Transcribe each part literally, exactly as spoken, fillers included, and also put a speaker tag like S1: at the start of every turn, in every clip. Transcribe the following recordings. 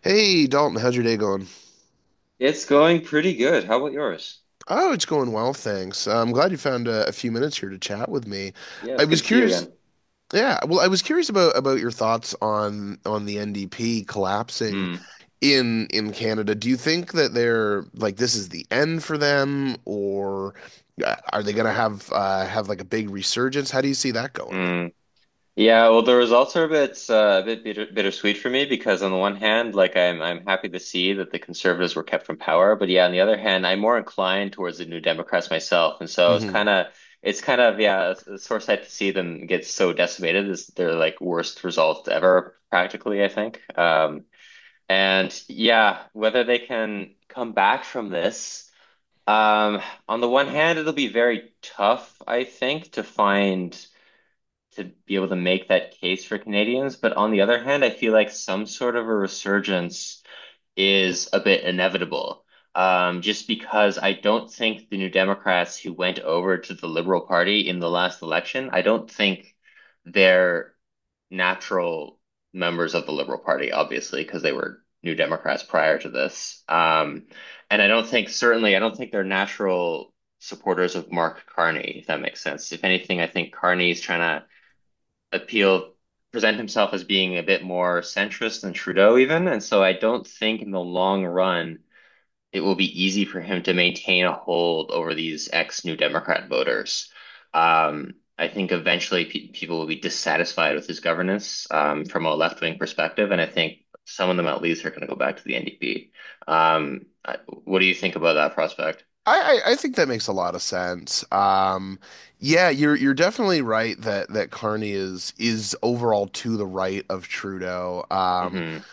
S1: Hey Dalton, how's your day going?
S2: It's going pretty good. How about yours?
S1: Oh, it's going well, thanks. Uh, I'm glad you found uh, a few minutes here to chat with me.
S2: Yeah,
S1: I
S2: it's good
S1: was
S2: to see you
S1: curious,
S2: again.
S1: yeah, well, I was curious about about your thoughts on on the N D P collapsing
S2: Mm,
S1: in in Canada. Do you think that they're like this is the end for them, or uh, are they gonna have uh, have like a big resurgence? How do you see that going?
S2: mm. Yeah, well, the results are a bit, uh, a bit bitter, bittersweet for me because on the one hand, like I'm, I'm happy to see that the Conservatives were kept from power, but yeah, on the other hand, I'm more inclined towards the New Democrats myself, and so it's
S1: Mm-hmm.
S2: kind of, it's kind of, yeah, it's, it's sore sight to see them get so decimated. It's their like worst result ever, practically, I think. Um, and yeah, whether they can come back from this. Um, on the one hand, it'll be very tough, I think, to find to be able to make that case for Canadians. But on the other hand, I feel like some sort of a resurgence is a bit inevitable. Um, just because I don't think the New Democrats who went over to the Liberal Party in the last election, I don't think they're natural members of the Liberal Party, obviously, because they were New Democrats prior to this. Um, and I don't think, certainly, I don't think they're natural supporters of Mark Carney, if that makes sense. If anything, I think Carney's trying to appeal, present himself as being a bit more centrist than Trudeau, even. And so I don't think in the long run, it will be easy for him to maintain a hold over these ex-New Democrat voters. Um, I think eventually pe people will be dissatisfied with his governance, um, from a left-wing perspective, and I think some of them at least are going to go back to the N D P. Um, I, what do you think about that prospect?
S1: I, I I think that makes a lot of sense. Um, yeah, you're you're definitely right that that Carney is is overall to the right of Trudeau. Um,
S2: Hmm.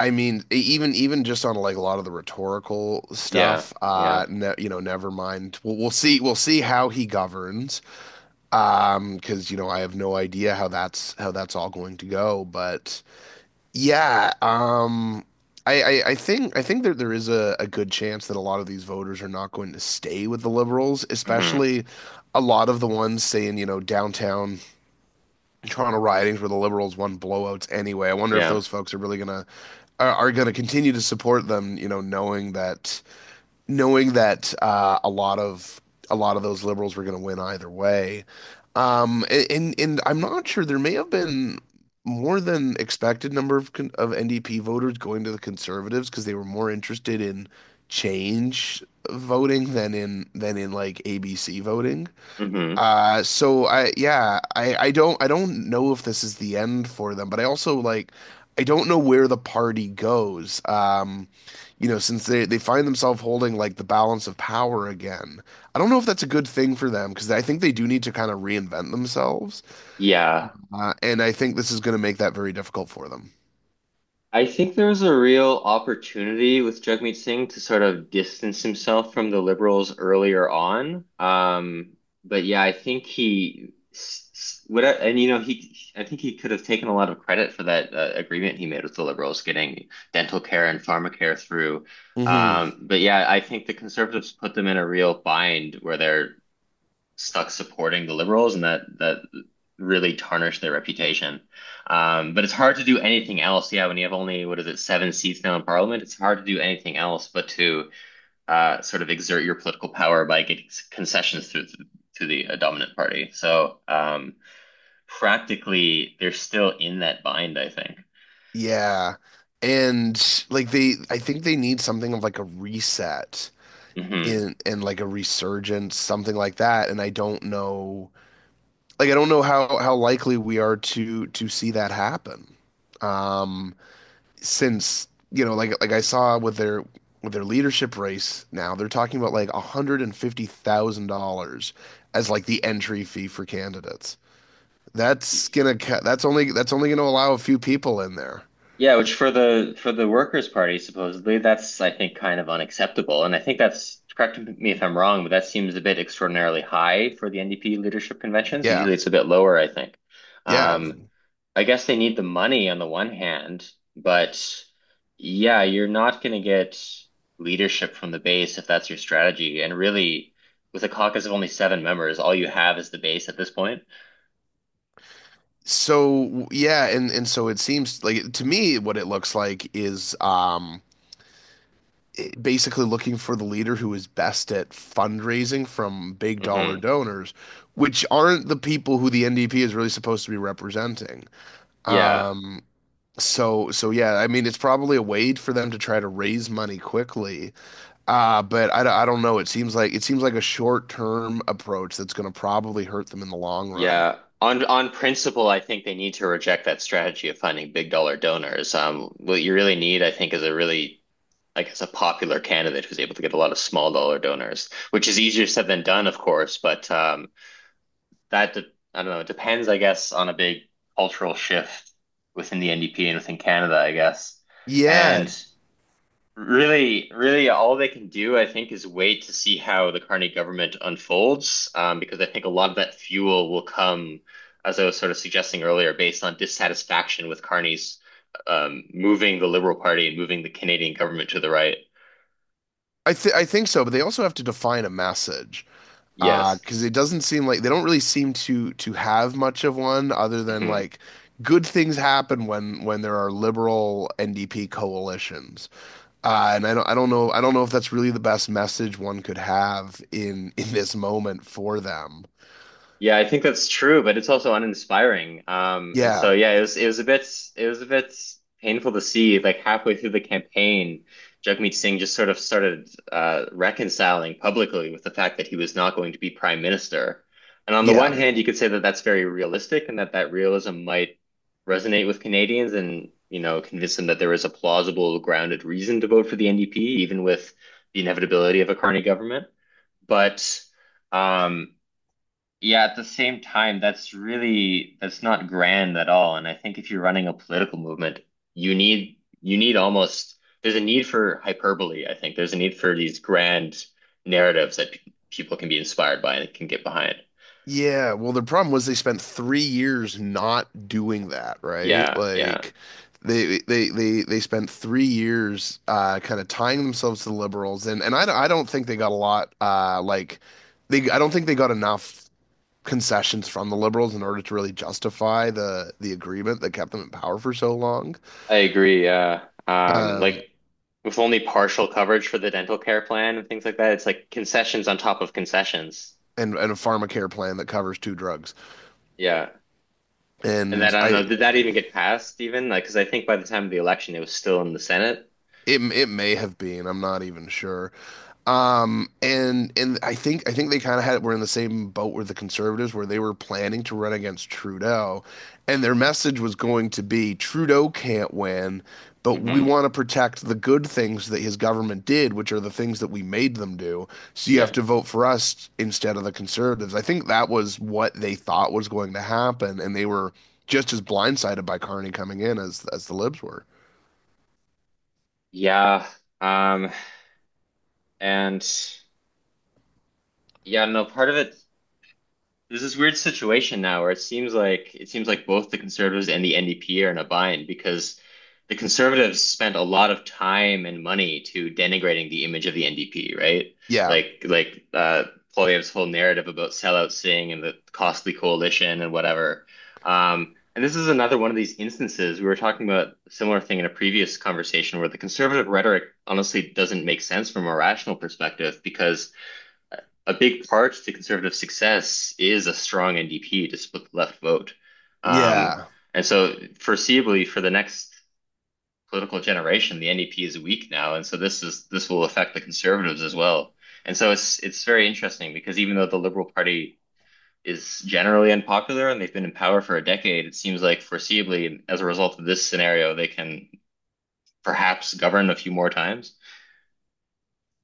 S1: I mean, e- even even just on like a lot of the rhetorical
S2: Yeah,
S1: stuff.
S2: yeah.
S1: Uh, ne you know, never mind. We'll, we'll see. We'll see how he governs. Um, because you know, I have no idea how that's how that's all going to go. But yeah, um, I, I, I think I think that there is a, a good chance that a lot of these voters are not going to stay with the Liberals,
S2: Hmm.
S1: especially a lot of the ones saying, you know, downtown Toronto ridings where the Liberals won blowouts anyway. I wonder if
S2: Yeah.
S1: those folks are really gonna are, are gonna continue to support them, you know, knowing that knowing that uh, a lot of a lot of those liberals were going to win either way. Um, and and I'm not sure there may have been more than expected number of of N D P voters going to the conservatives because they were more interested in change voting than in than in like A B C voting.
S2: Hmm.
S1: Uh, so I yeah, I I don't I don't know if this is the end for them, but I also like I don't know where the party goes. Um, you know, since they they find themselves holding like the balance of power again. I don't know if that's a good thing for them because I think they do need to kind of reinvent themselves.
S2: Yeah.
S1: Uh, and I think this is going to make that very difficult for them.
S2: I think there was a real opportunity with Jagmeet Singh to sort of distance himself from the liberals earlier on. Um, but yeah, I think he s- s- what and you know he I think he could have taken a lot of credit for that uh, agreement he made with the liberals, getting dental care and pharmacare through.
S1: Hmm.
S2: Um, but yeah, I think the conservatives put them in a real bind where they're stuck supporting the liberals, and that that really tarnished their reputation. Um, but it's hard to do anything else. Yeah, when you have only, what is it, seven seats now in parliament, it's hard to do anything else but to uh, sort of exert your political power by getting concessions through to the uh, dominant party. So, um, practically, they're still in that bind, I think.
S1: Yeah. And like they I think they need something of like a reset
S2: Mm-hmm.
S1: in and like a resurgence, something like that. And I don't know like I don't know how how likely we are to to see that happen. Um, since you know, like like I saw with their with their leadership race now, they're talking about like one hundred and fifty thousand dollars as like the entry fee for candidates. That's gonna that's only that's only gonna allow a few people in there.
S2: Yeah, which for the for the Workers' Party, supposedly, that's, I think, kind of unacceptable. And I think that's, correct me if I'm wrong, but that seems a bit extraordinarily high for the N D P leadership conventions.
S1: Yeah.
S2: Usually it's a bit lower, I think.
S1: Yeah.
S2: Um, I guess they need the money on the one hand, but yeah, you're not going to get leadership from the base if that's your strategy. And really, with a caucus of only seven members, all you have is the base at this point.
S1: So yeah, and and so it seems like to me what it looks like is um basically looking for the leader who is best at fundraising from big dollar
S2: Hmm.
S1: donors, which aren't the people who the N D P is really supposed to be representing.
S2: Yeah.
S1: Um, so so yeah, I mean it's probably a way for them to try to raise money quickly. Uh, but I, d- I don't know. It seems like it seems like a short-term approach that's going to probably hurt them in the long run.
S2: Yeah, on on principle, I think they need to reject that strategy of finding big dollar donors. Um, what you really need, I think, is a really, I guess, a popular candidate who's able to get a lot of small dollar donors, which is easier said than done, of course. But um, that de- I don't know, it depends, I guess, on a big cultural shift within the N D P and within Canada, I guess.
S1: Yeah,
S2: And really, really, all they can do, I think, is wait to see how the Carney government unfolds, um, because I think a lot of that fuel will come, as I was sort of suggesting earlier, based on dissatisfaction with Carney's, um, moving the Liberal Party and moving the Canadian government to the right.
S1: I th I think so, but they also have to define a message. Uh,
S2: Yes.
S1: because it doesn't seem like they don't really seem to to have much of one other than
S2: Mhm.
S1: like good things happen when when there are liberal N D P coalitions. Uh, and I don't I don't know I don't know if that's really the best message one could have in in this moment for them.
S2: Yeah, I think that's true, but it's also uninspiring. Um, and
S1: Yeah.
S2: so yeah, it was it was a bit it was a bit painful to see. Like halfway through the campaign, Jagmeet Singh just sort of started uh, reconciling publicly with the fact that he was not going to be prime minister. And on the one
S1: Yeah.
S2: hand, you could say that that's very realistic, and that that realism might resonate with Canadians and, you know, convince them that there is a plausible, grounded reason to vote for the N D P, even with the inevitability of a Carney government. But um, yeah, at the same time, that's really, that's not grand at all. And I think if you're running a political movement, you need you need almost there's a need for hyperbole, I think. There's a need for these grand narratives that pe- people can be inspired by and can get behind.
S1: Yeah, well, the problem was they spent three years not doing that, right?
S2: Yeah, yeah.
S1: Like they they they they spent three years uh kind of tying themselves to the liberals and and I don't- I don't think they got a lot uh like they I don't think they got enough concessions from the liberals in order to really justify the the agreement that kept them in power for so long.
S2: I agree. Yeah. Um, like
S1: Um
S2: with only partial coverage for the dental care plan and things like that, it's like concessions on top of concessions.
S1: and and a pharmacare plan that covers two drugs.
S2: Yeah. And that,
S1: And
S2: I don't know,
S1: I
S2: did that even get passed even? Like, because I think by the time of the election, it was still in the Senate.
S1: it it may have been. I'm not even sure. Um, and and I think I think they kind of had were in the same boat with the conservatives where they were planning to run against Trudeau, and their message was going to be Trudeau can't win, but we
S2: Hmm.
S1: want to protect the good things that his government did, which are the things that we made them do. So you have
S2: Yeah.
S1: to vote for us instead of the conservatives. I think that was what they thought was going to happen, and they were just as blindsided by Carney coming in as as the Libs were.
S2: Yeah. Um, and yeah, no, part of it there's this weird situation now where it seems like it seems like both the Conservatives and the N D P are in a bind because the Conservatives spent a lot of time and money to denigrating the image of the N D P, right?
S1: Yeah.
S2: Like like uh, Poilievre's whole narrative about sellout Singh and the costly coalition and whatever. Um, and this is another one of these instances, we were talking about a similar thing in a previous conversation, where the conservative rhetoric honestly doesn't make sense from a rational perspective because a big part to conservative success is a strong N D P to split the left vote. Um,
S1: Yeah.
S2: and so foreseeably for the next political generation, the N D P is weak now. And so this is this will affect the conservatives as well. And so it's it's very interesting because even though the Liberal Party is generally unpopular and they've been in power for a decade, it seems like, foreseeably as a result of this scenario, they can perhaps govern a few more times.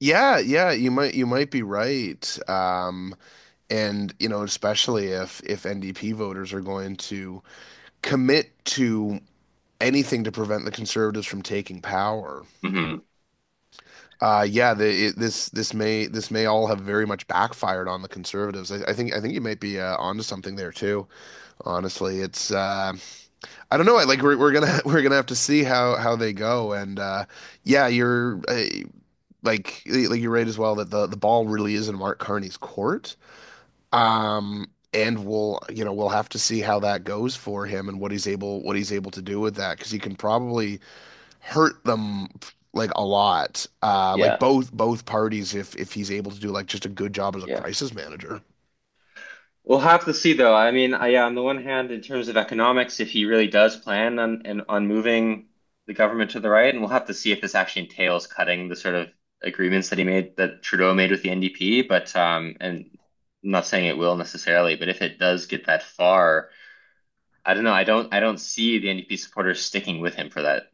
S1: Yeah, yeah, you might you might be right. Um, and you know, especially if if N D P voters are going to commit to anything to prevent the conservatives from taking power.
S2: Hmm.
S1: Uh, yeah, the, it, this this may this may all have very much backfired on the conservatives. I, I think I think you might be uh, onto something there too. Honestly, it's uh, I don't know. I Like we're we're gonna we're gonna have to see how how they go. And uh, yeah, you're. Uh, Like, like you're right as well that the the ball really is in Mark Carney's court. Um, and we'll, you know, we'll have to see how that goes for him and what he's able what he's able to do with that because he can probably hurt them like a lot. Uh, like
S2: Yeah,
S1: both both parties if if he's able to do like just a good job as a
S2: yeah.
S1: crisis manager.
S2: We'll have to see though. I mean, I, yeah, on the one hand, in terms of economics, if he really does plan on and on moving the government to the right, and we'll have to see if this actually entails cutting the sort of agreements that he made, that Trudeau made with the N D P. But um, And I'm not saying it will necessarily, but if it does get that far, I don't know. I don't I don't see the N D P supporters sticking with him for that,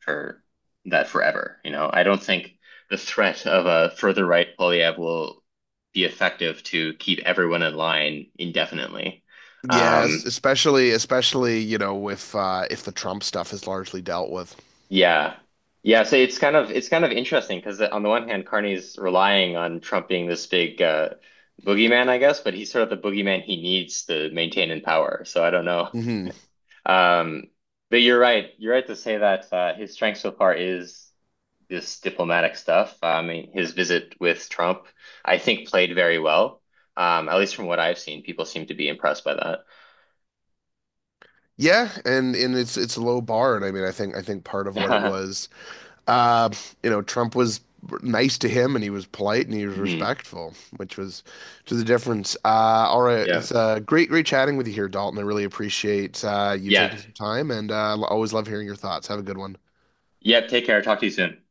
S2: for that forever. You know, I don't think the threat of a further right Polyev will be effective to keep everyone in line indefinitely.
S1: Yes,
S2: Um,
S1: especially especially, you know, if uh if the Trump stuff is largely dealt with.
S2: yeah. Yeah, so it's kind of it's kind of interesting because on the one hand, Carney's relying on Trump being this big uh, boogeyman, I guess, but he's sort of the boogeyman he needs to maintain in power. So I don't know.
S1: Hmm.
S2: Um, but you're right. You're right to say that uh, his strength so far is this diplomatic stuff. I mean, his visit with Trump, I think, played very well. Um, at least from what I've seen, people seem to be impressed by that.
S1: Yeah, and and it's it's a low bar, and I mean, I think I think part of what it was uh, you know, Trump was nice to him and he was polite and he was
S2: Mhm.
S1: respectful, which was to the difference. Uh, all right,
S2: Yeah.
S1: it's uh, great, great chatting with you here, Dalton. I really appreciate uh, you
S2: Yeah.
S1: taking some time and uh, always love hearing your thoughts. Have a good one.
S2: Yep. Take care. Talk to you soon.